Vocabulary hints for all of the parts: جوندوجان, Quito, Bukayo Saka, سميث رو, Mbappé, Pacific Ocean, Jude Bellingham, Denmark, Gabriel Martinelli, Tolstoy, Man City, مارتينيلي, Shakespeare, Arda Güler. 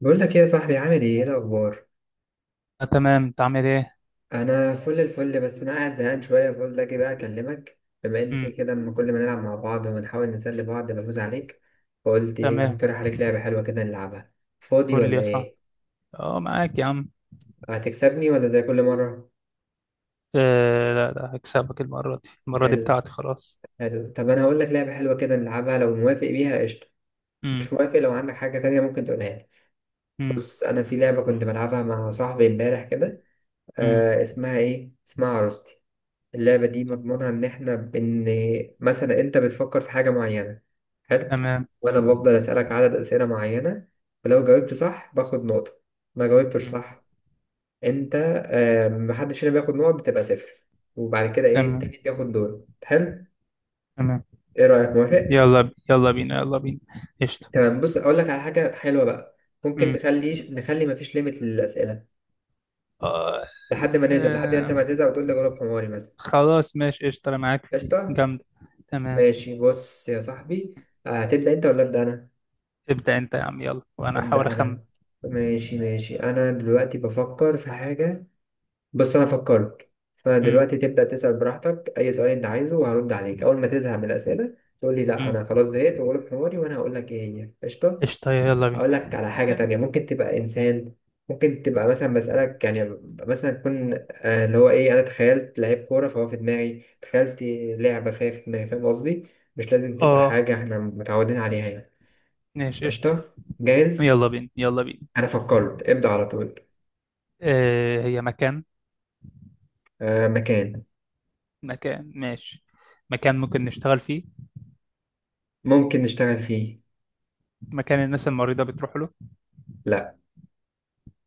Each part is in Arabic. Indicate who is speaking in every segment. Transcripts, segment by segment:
Speaker 1: بقول لك ايه يا صاحبي، عامل ايه، ايه الاخبار؟
Speaker 2: آه، تمام، انت عامل ايه؟
Speaker 1: انا فل الفل، بس انا قاعد زهقان شويه، فقلت اجي بقى اكلمك، بما ان كده
Speaker 2: امم
Speaker 1: كده لما كل ما نلعب مع بعض ونحاول نسلي بعض بفوز عليك. فقلت ايه،
Speaker 2: تمام.
Speaker 1: اقترح عليك لعبه حلوه كده نلعبها. فاضي
Speaker 2: قول لي
Speaker 1: ولا
Speaker 2: يا صاحبي.
Speaker 1: ايه؟
Speaker 2: اه، معاك يا عم.
Speaker 1: هتكسبني ولا زي كل مره؟
Speaker 2: آه، لا لا هكسبك، المرة دي المرة دي
Speaker 1: حلو.
Speaker 2: بتاعتي خلاص.
Speaker 1: حلو، طب انا هقول لك لعبه حلوه كده نلعبها، لو موافق بيها قشطه.
Speaker 2: امم
Speaker 1: مش موافق، لو عندك حاجه تانية ممكن تقولها لي.
Speaker 2: امم
Speaker 1: بص، انا في لعبه كنت بلعبها مع صاحبي امبارح كده.
Speaker 2: امم
Speaker 1: اسمها ايه، اسمها عروستي. اللعبة دي
Speaker 2: تم-
Speaker 1: مضمونها إن إحنا مثلا أنت بتفكر في حاجة معينة. حلو.
Speaker 2: تمام.
Speaker 1: وأنا بفضل أسألك عدد أسئلة معينة. ولو جاوبت صح باخد نقطة. ما جاوبتش
Speaker 2: امم
Speaker 1: صح. أنت. محدش هنا بياخد نقط، بتبقى صفر. وبعد كده إيه،
Speaker 2: تمام
Speaker 1: التاني بياخد دور، حلو.
Speaker 2: تمام.
Speaker 1: إيه رأيك موافق؟
Speaker 2: يلا بينا يلا بينا. قشطة.
Speaker 1: تمام، بص أقول لك على حاجة حلوة بقى. ممكن
Speaker 2: امم
Speaker 1: نخلي مفيش ليميت للأسئلة.
Speaker 2: آه.
Speaker 1: لحد ما أنت
Speaker 2: آه،
Speaker 1: ما تزهق وتقول لي جاوب حماري مثلا.
Speaker 2: خلاص ماشي قشطة، انا معاك في دي
Speaker 1: قشطة.
Speaker 2: جامدة. تمام.
Speaker 1: ماشي، بص يا صاحبي. هتبدأ أنت ولا أبدأ أنا؟
Speaker 2: ابدأ انت يا عم، يلا وانا
Speaker 1: أبدأ
Speaker 2: احاول اخمن.
Speaker 1: أنا. ماشي، ماشي. أنا دلوقتي بفكر في حاجة. بص، أنا فكرت.
Speaker 2: امم
Speaker 1: فدلوقتي تبدأ تسأل براحتك أي سؤال أنت عايزه، وهرد عليك. أول ما تزهق من الأسئلة تقول لي لأ
Speaker 2: امم
Speaker 1: أنا خلاص زهقت، وأقول حواري وأنا هقول لك إيه هي. قشطة.
Speaker 2: قشطة، يلا بينا.
Speaker 1: أقول لك على حاجة تانية، ممكن تبقى إنسان. ممكن تبقى مثلا، بسألك يعني. مثلا تكون، اللي هو إيه، أنا تخيلت لعيب كورة فهو في دماغي تخيلت. لعبة فهي في دماغي، فاهم قصدي. مش لازم تبقى حاجة
Speaker 2: اه،
Speaker 1: إحنا متعودين عليها يعني.
Speaker 2: ماشي قشطة،
Speaker 1: قشطة، جاهز.
Speaker 2: يلا بينا يلا بينا.
Speaker 1: أنا فكرت، ابدأ على طول.
Speaker 2: آه، هي مكان.
Speaker 1: آه، مكان.
Speaker 2: مكان ماشي. مكان ممكن نشتغل فيه؟
Speaker 1: ممكن نشتغل فيه.
Speaker 2: مكان الناس المريضة بتروح له؟
Speaker 1: لأ.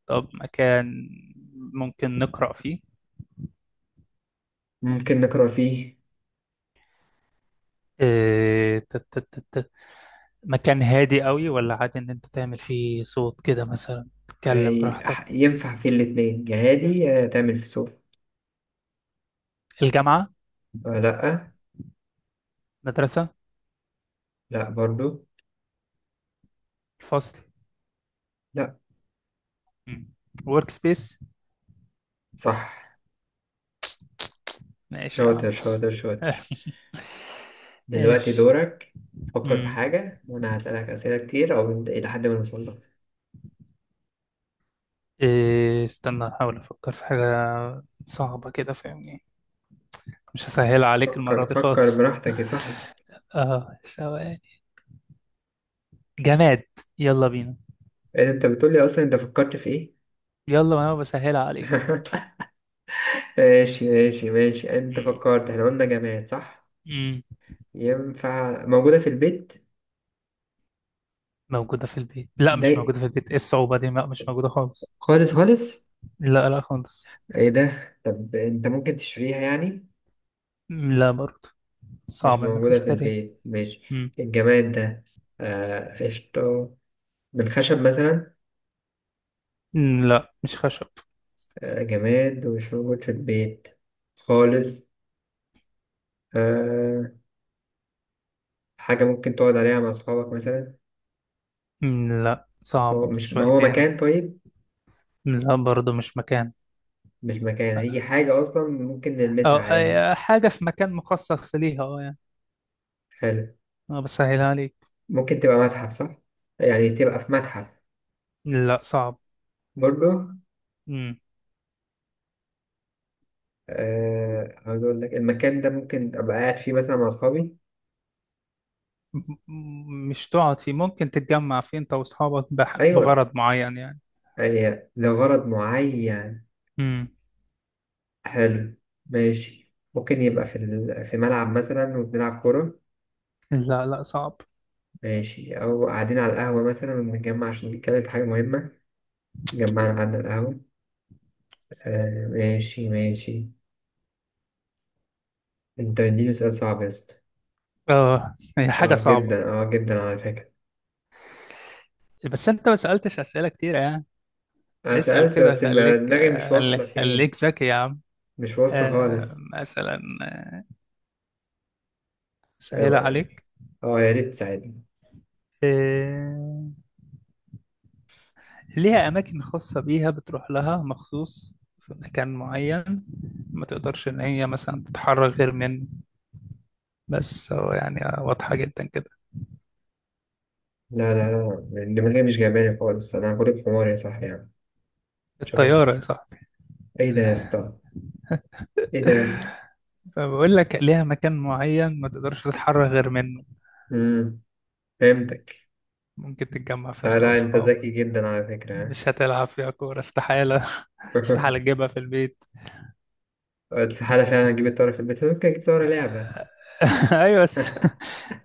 Speaker 2: طب مكان ممكن نقرأ فيه؟
Speaker 1: ممكن نقرأ فيه.
Speaker 2: إيه... ت- ت- ت- ت- مكان هادي قوي ولا عادي ان انت تعمل فيه صوت كده مثلا تتكلم
Speaker 1: أي
Speaker 2: براحتك؟
Speaker 1: ينفع فيه الاتنين جهادي، تعمل في سوق.
Speaker 2: الجامعة.
Speaker 1: آه، لأ.
Speaker 2: مدرسة.
Speaker 1: لأ برضو.
Speaker 2: الفصل.
Speaker 1: لأ.
Speaker 2: ورك سبيس.
Speaker 1: صح.
Speaker 2: ماشي يا عم.
Speaker 1: شاطر، شاطر، شاطر. دلوقتي
Speaker 2: ماشي.
Speaker 1: دورك. فكر في
Speaker 2: مم.
Speaker 1: حاجة وأنا هسألك أسئلة كتير، أو إلى حد ما نوصل لها.
Speaker 2: استنى، احاول افكر في حاجة صعبة كده فاهمني. مش هسهلها عليك المرة
Speaker 1: فكر،
Speaker 2: دي
Speaker 1: فكر
Speaker 2: خالص.
Speaker 1: براحتك يا صاحبي.
Speaker 2: اه، ثواني. جماد. يلا بينا.
Speaker 1: إيه أنت بتقولي، أصلا أنت فكرت في إيه؟
Speaker 2: يلا وانا بسهلها عليك اهو.
Speaker 1: ماشي، ماشي، ماشي. أنت
Speaker 2: مم.
Speaker 1: فكرت، إحنا قلنا جماد صح؟
Speaker 2: مم.
Speaker 1: ينفع موجودة في البيت؟
Speaker 2: موجودة في البيت؟ لا مش
Speaker 1: ده.
Speaker 2: موجودة في البيت، ايه الصعوبة دي؟ لا مش موجودة خالص.
Speaker 1: خالص، خالص.
Speaker 2: لا لا خالص.
Speaker 1: ايه ده؟ طب انت ممكن تشتريها يعني؟
Speaker 2: مم، لا برضه.
Speaker 1: مش
Speaker 2: صعب انك
Speaker 1: موجودة في
Speaker 2: تشتري.
Speaker 1: البيت، ماشي.
Speaker 2: مم.
Speaker 1: الجماد ده. آه، قشطة. من خشب مثلا؟
Speaker 2: مم، لا مش خشب.
Speaker 1: آه، جماد ومش موجود في البيت. خالص. آه. حاجة ممكن تقعد عليها مع أصحابك مثلا؟
Speaker 2: مم، لا صعب
Speaker 1: هو مش، ما هو
Speaker 2: شويتين.
Speaker 1: مكان، طيب.
Speaker 2: مم، لا برضه مش مكان.
Speaker 1: مش مكان، هي حاجة أصلا ممكن
Speaker 2: أو
Speaker 1: نلمسها عادي؟
Speaker 2: أي حاجة في مكان مخصص ليها، اه يعني.
Speaker 1: حلو.
Speaker 2: أنا بسهلها عليك.
Speaker 1: ممكن تبقى متحف، صح؟ يعني تبقى في متحف؟
Speaker 2: لا صعب.
Speaker 1: برضو.
Speaker 2: مم.
Speaker 1: أه، هقول لك المكان ده ممكن أبقى قاعد فيه مثلا مع أصحابي؟
Speaker 2: مش تقعد فيه، ممكن تتجمع فيه أنت وأصحابك
Speaker 1: أيوة.
Speaker 2: بغرض معين يعني.
Speaker 1: يعني لغرض معين.
Speaker 2: امم
Speaker 1: حلو. ماشي، ممكن يبقى في ملعب مثلا وبنلعب كورة.
Speaker 2: لا لا صعب.
Speaker 1: ماشي، أو قاعدين على القهوة مثلا وبنتجمع عشان نتكلم في حاجة مهمة. اتجمعنا قعدنا على القهوة. أه، ماشي، ماشي. أنت مديني سؤال صعب يا اسطى.
Speaker 2: اه، هي حاجة
Speaker 1: أه
Speaker 2: صعبة.
Speaker 1: جدا، أه جدا على فكرة.
Speaker 2: بس انت ما سألتش أسئلة كتير يعني.
Speaker 1: أنا
Speaker 2: اسأل
Speaker 1: سألت
Speaker 2: كده،
Speaker 1: بس،
Speaker 2: خليك،
Speaker 1: دماغي مش
Speaker 2: خليك
Speaker 1: واصلة فين.
Speaker 2: خليك ذكي يا عم.
Speaker 1: مش واصلة خالص.
Speaker 2: مثلا
Speaker 1: أه
Speaker 2: سهلة
Speaker 1: ما-
Speaker 2: عليك.
Speaker 1: يا ريت تساعدني.
Speaker 2: آه، ليها أماكن خاصة بيها، بتروح لها مخصوص، في مكان معين. ما تقدرش إن هي مثلا تتحرك غير منه. بس هو يعني واضحة جدا كده.
Speaker 1: لا. لا، لا الدماغية مش جايباني خالص، أنا غريب حمار يا صاحبي يعني. مش
Speaker 2: الطيارة يا
Speaker 1: هفكر.
Speaker 2: صاحبي.
Speaker 1: إيه ده يا اسطى؟ إيه ده يا اسطى؟
Speaker 2: فبقول لك ليها مكان معين ما تقدرش تتحرك غير منه.
Speaker 1: أمم فهمتك.
Speaker 2: ممكن تتجمع فيها
Speaker 1: لا،
Speaker 2: انت
Speaker 1: لا، أنت
Speaker 2: واصحابك.
Speaker 1: ذكي جدا على فكرة.
Speaker 2: مش هتلعب فيها كورة استحالة.
Speaker 1: ها.
Speaker 2: استحالة تجيبها في البيت.
Speaker 1: استحالة فعلا أجيب الطيارة في البيت، ممكن أجيب طيارة لعبة.
Speaker 2: ايوه، بس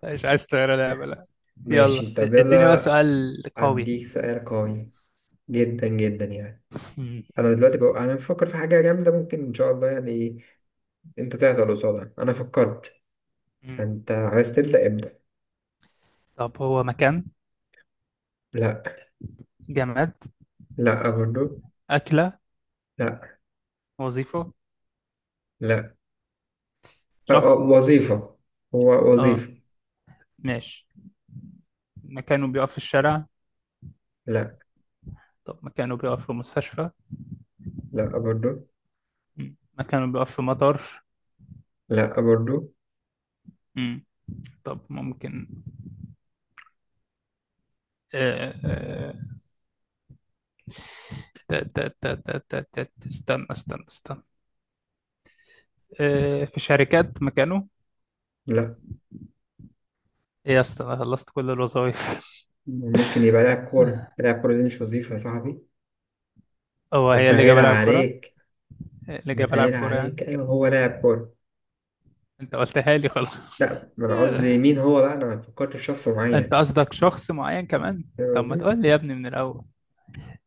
Speaker 2: مش عايز تغير لعبة، لا. يلا
Speaker 1: ماشي، طب
Speaker 2: اديني بقى
Speaker 1: يلا.
Speaker 2: سؤال. قوي.
Speaker 1: أديك سؤال قوي. جدا جدا يعني.
Speaker 2: مم.
Speaker 1: أنا دلوقتي بقى، أنا بفكر في حاجة جامدة، ممكن إن شاء الله يعني، أنت تهدى قصادها. أنا فكرت.
Speaker 2: مم.
Speaker 1: فأنت عايز تبدأ، ابدأ.
Speaker 2: طب هو مكان؟
Speaker 1: لا.
Speaker 2: جماد؟
Speaker 1: لا برضو.
Speaker 2: أكلة؟
Speaker 1: لا.
Speaker 2: وظيفة؟
Speaker 1: لا. أه، أه،
Speaker 2: شخص؟
Speaker 1: وظيفة. هو
Speaker 2: اه،
Speaker 1: وظيفة.
Speaker 2: ماشي. مكانه بيقف في الشارع؟
Speaker 1: لا.
Speaker 2: طب مكانه بيقف في مستشفى؟
Speaker 1: لا برضو.
Speaker 2: مم. مكانه بيقف في مطار؟
Speaker 1: لا برضو.
Speaker 2: مم. طب ممكن. آه، آه، استنى استنى استنى. في شركات مكانه؟
Speaker 1: لا.
Speaker 2: ايه يا اسطى، انا خلصت كل الوظائف.
Speaker 1: ممكن يبقى لاعب كورة، لاعب كورة دي مش وظيفة يا صاحبي.
Speaker 2: هو هي اللي جاب
Speaker 1: بسهلها
Speaker 2: بلعب كرة؟
Speaker 1: عليك.
Speaker 2: اللي جاب بلعب
Speaker 1: بسهلها
Speaker 2: كرة يعني؟
Speaker 1: عليك، أيوة هو لاعب كورة.
Speaker 2: انت قلتها لي خلاص.
Speaker 1: لا، ما أنا قصدي مين هو بقى، أنا ما فكرت في شخص
Speaker 2: انت
Speaker 1: معين.
Speaker 2: قصدك شخص معين كمان؟
Speaker 1: فاهم
Speaker 2: طب ما
Speaker 1: قصدي؟
Speaker 2: تقول لي يا ابني من الاول.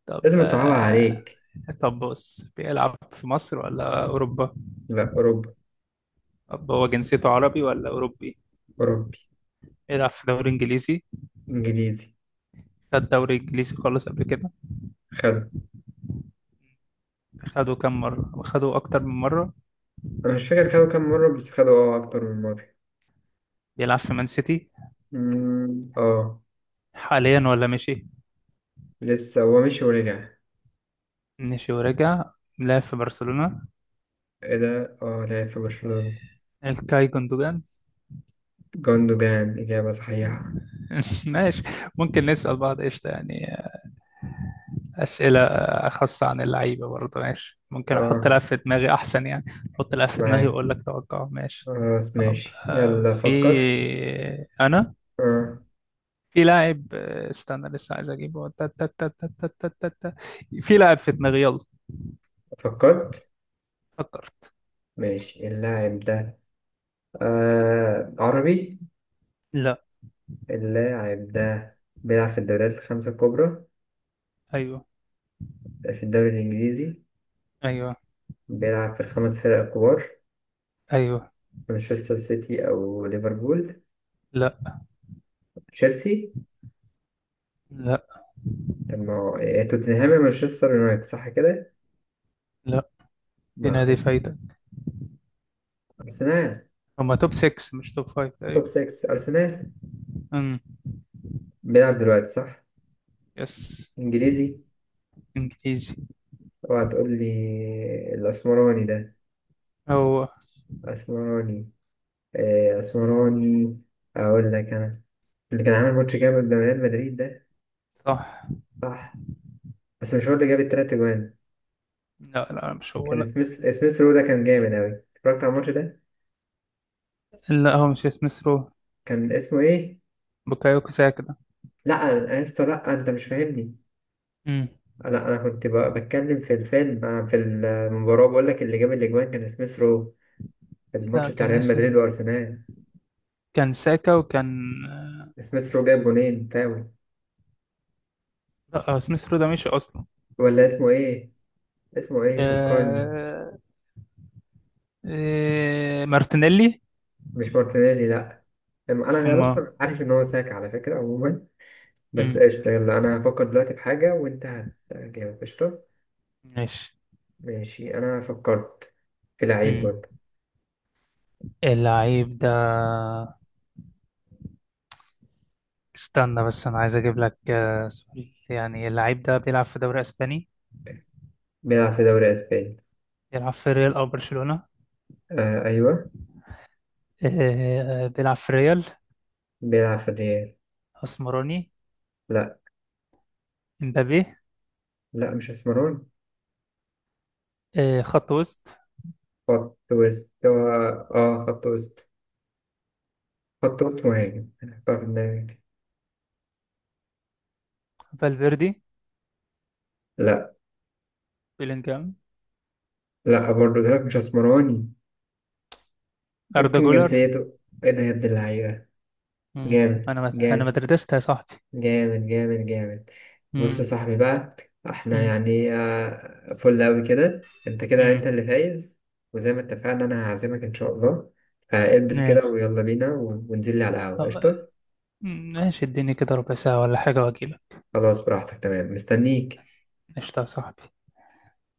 Speaker 2: طب
Speaker 1: لازم أصعبها عليك.
Speaker 2: طب بص، بيلعب في مصر ولا اوروبا؟
Speaker 1: لا، أوروبا.
Speaker 2: طب هو جنسيته عربي ولا اوروبي؟
Speaker 1: أوروبي.
Speaker 2: بيلعب في دوري انجليزي؟
Speaker 1: إنجليزي.
Speaker 2: خد دوري انجليزي خالص قبل كده؟
Speaker 1: خده.
Speaker 2: خده كام مرة؟ خده اكتر من مرة؟
Speaker 1: أنا مش فاكر خده كام مرة، بس خده أكتر من مرة.
Speaker 2: بيلعب في مان سيتي
Speaker 1: أمم، أه.
Speaker 2: حاليا ولا مشي؟
Speaker 1: لسه هو مشي ورجع.
Speaker 2: مشي ورجع. لعب في برشلونة.
Speaker 1: إيه ده، لعب في برشلونة.
Speaker 2: الكاي جوندوجان.
Speaker 1: جوندوجان، إجابة صحيحة.
Speaker 2: ماشي. ممكن نسأل بعض قشطة يعني أسئلة خاصة عن اللعيبة برضه؟ ماشي، ممكن أحط
Speaker 1: أه،
Speaker 2: لعب في دماغي أحسن يعني. أحط لعب في دماغي
Speaker 1: معاك.
Speaker 2: وأقول لك توقعه، ماشي.
Speaker 1: خلاص،
Speaker 2: طب
Speaker 1: ماشي، يلا فكر.
Speaker 2: أنا
Speaker 1: آه.
Speaker 2: في لاعب، استنى لسه عايز أجيبه. تا- تا- تا- تا- تا- تا- تا- تا. في لاعب في دماغي، يلا.
Speaker 1: فكرت.
Speaker 2: فكرت.
Speaker 1: ماشي، اللاعب ده. آه. عربي؟
Speaker 2: لا.
Speaker 1: اللاعب ده. بيلعب في الدوريات الخمسة الكبرى؟
Speaker 2: أيوه،
Speaker 1: في الدوري الإنجليزي؟
Speaker 2: أيوه،
Speaker 1: بيلعب في الخمس فرق الكبار؟
Speaker 2: أيوه.
Speaker 1: مانشستر سيتي أو ليفربول؟
Speaker 2: لا،
Speaker 1: تشيلسي؟
Speaker 2: لا،
Speaker 1: طب ما هو- توتنهام يا مانشستر يونايتد صح كده؟
Speaker 2: لا، دي
Speaker 1: مع.
Speaker 2: نادي فايتة.
Speaker 1: أرسنال.
Speaker 2: هما توب 6 مش توب 5
Speaker 1: توب
Speaker 2: تقريبا.
Speaker 1: 6 أرسنال.
Speaker 2: امم
Speaker 1: بيلعب دلوقتي صح؟
Speaker 2: يس.
Speaker 1: إنجليزي.
Speaker 2: انجليزي.
Speaker 1: اوعى تقول لي الأسمراني ده.
Speaker 2: هو.
Speaker 1: أسمراني؟ آه، أسمراني. أقول لك أنا. اللي كان عامل ماتش جامد ده، ريال مدريد ده؟
Speaker 2: صح.
Speaker 1: صح. بس مش هو اللي جاب التلات أجوان.
Speaker 2: لا لا مش هو،
Speaker 1: كان
Speaker 2: لا.
Speaker 1: سميث رو ده، كان جامد أوي اتفرجت على الماتش ده.
Speaker 2: لا، هو مش اسم سرو.
Speaker 1: كان اسمه إيه؟
Speaker 2: بوكايوكو ساكا ده.
Speaker 1: لأ. يا اسطى لأ، أنت مش فاهمني.
Speaker 2: امم
Speaker 1: لأ، أنا كنت بتكلم في الفيلم، في المباراة، بقول لك اللي جاب الأجوان كان سميث رو. في
Speaker 2: لا
Speaker 1: الماتش بتاع
Speaker 2: كان
Speaker 1: ريال مدريد
Speaker 2: اسم.
Speaker 1: وأرسنال.
Speaker 2: كان ساكا وكان.
Speaker 1: سميث رو جاب جونين فاول.
Speaker 2: لا هو اسم سرو ده مش اصلا.
Speaker 1: ولا اسمه إيه؟ اسمه إيه، فكرني.
Speaker 2: آه... مارتينيلي.
Speaker 1: مش مارتينيلي، لأ. أنا
Speaker 2: اما.
Speaker 1: أصلا عارف إن هو ساك على فكرة عموما. بس
Speaker 2: امم
Speaker 1: قشطة، يلا أنا هفكر دلوقتي في حاجة وأنت. هتجاوب، قشطة.
Speaker 2: ماشي.
Speaker 1: ماشي. أنا فكرت. في لعيب
Speaker 2: امم
Speaker 1: برضه.
Speaker 2: اللعيب ده. استنى بس انا عايز اجيب لك سؤال يعني. اللعيب ده بيلعب في دوري اسباني؟
Speaker 1: بيلعب في دوري أسباني.
Speaker 2: بيلعب في ريال او برشلونة؟
Speaker 1: آه، أيوه.
Speaker 2: آه، بيلعب في ريال.
Speaker 1: بيلعب في الريال.
Speaker 2: اسمراني.
Speaker 1: لأ.
Speaker 2: امبابي.
Speaker 1: لأ، مش أسمراني.
Speaker 2: آه، خط وسط.
Speaker 1: خط وسط هو؟ آه، خط وسط. خط وسط مهاجم، أنا هختار في دماغي.
Speaker 2: فالفيردي.
Speaker 1: لأ.
Speaker 2: بيلينجهام.
Speaker 1: لأ برضه، ده مش أسمراني.
Speaker 2: اردا
Speaker 1: ممكن
Speaker 2: جولر.
Speaker 1: جنسيته. إيه ده يا ابن اللعيبة؟
Speaker 2: مم.
Speaker 1: جامد،
Speaker 2: انا
Speaker 1: جامد.
Speaker 2: مدردست يا صاحبي.
Speaker 1: جامد، جامد، جامد. بص يا
Speaker 2: مم.
Speaker 1: صاحبي بقى. احنا
Speaker 2: مم.
Speaker 1: يعني فل أوي، كده
Speaker 2: مم.
Speaker 1: انت اللي فايز. وزي ما اتفقنا، انا هعزمك ان شاء الله. فالبس كده
Speaker 2: ماشي.
Speaker 1: ويلا بينا وننزل لي على القهوة،
Speaker 2: أه.
Speaker 1: قشطة.
Speaker 2: مم، ماشي، اديني كده ربع ساعة ولا حاجة واجيلك.
Speaker 1: خلاص، براحتك، تمام، مستنيك.
Speaker 2: قشطة يا صاحبي.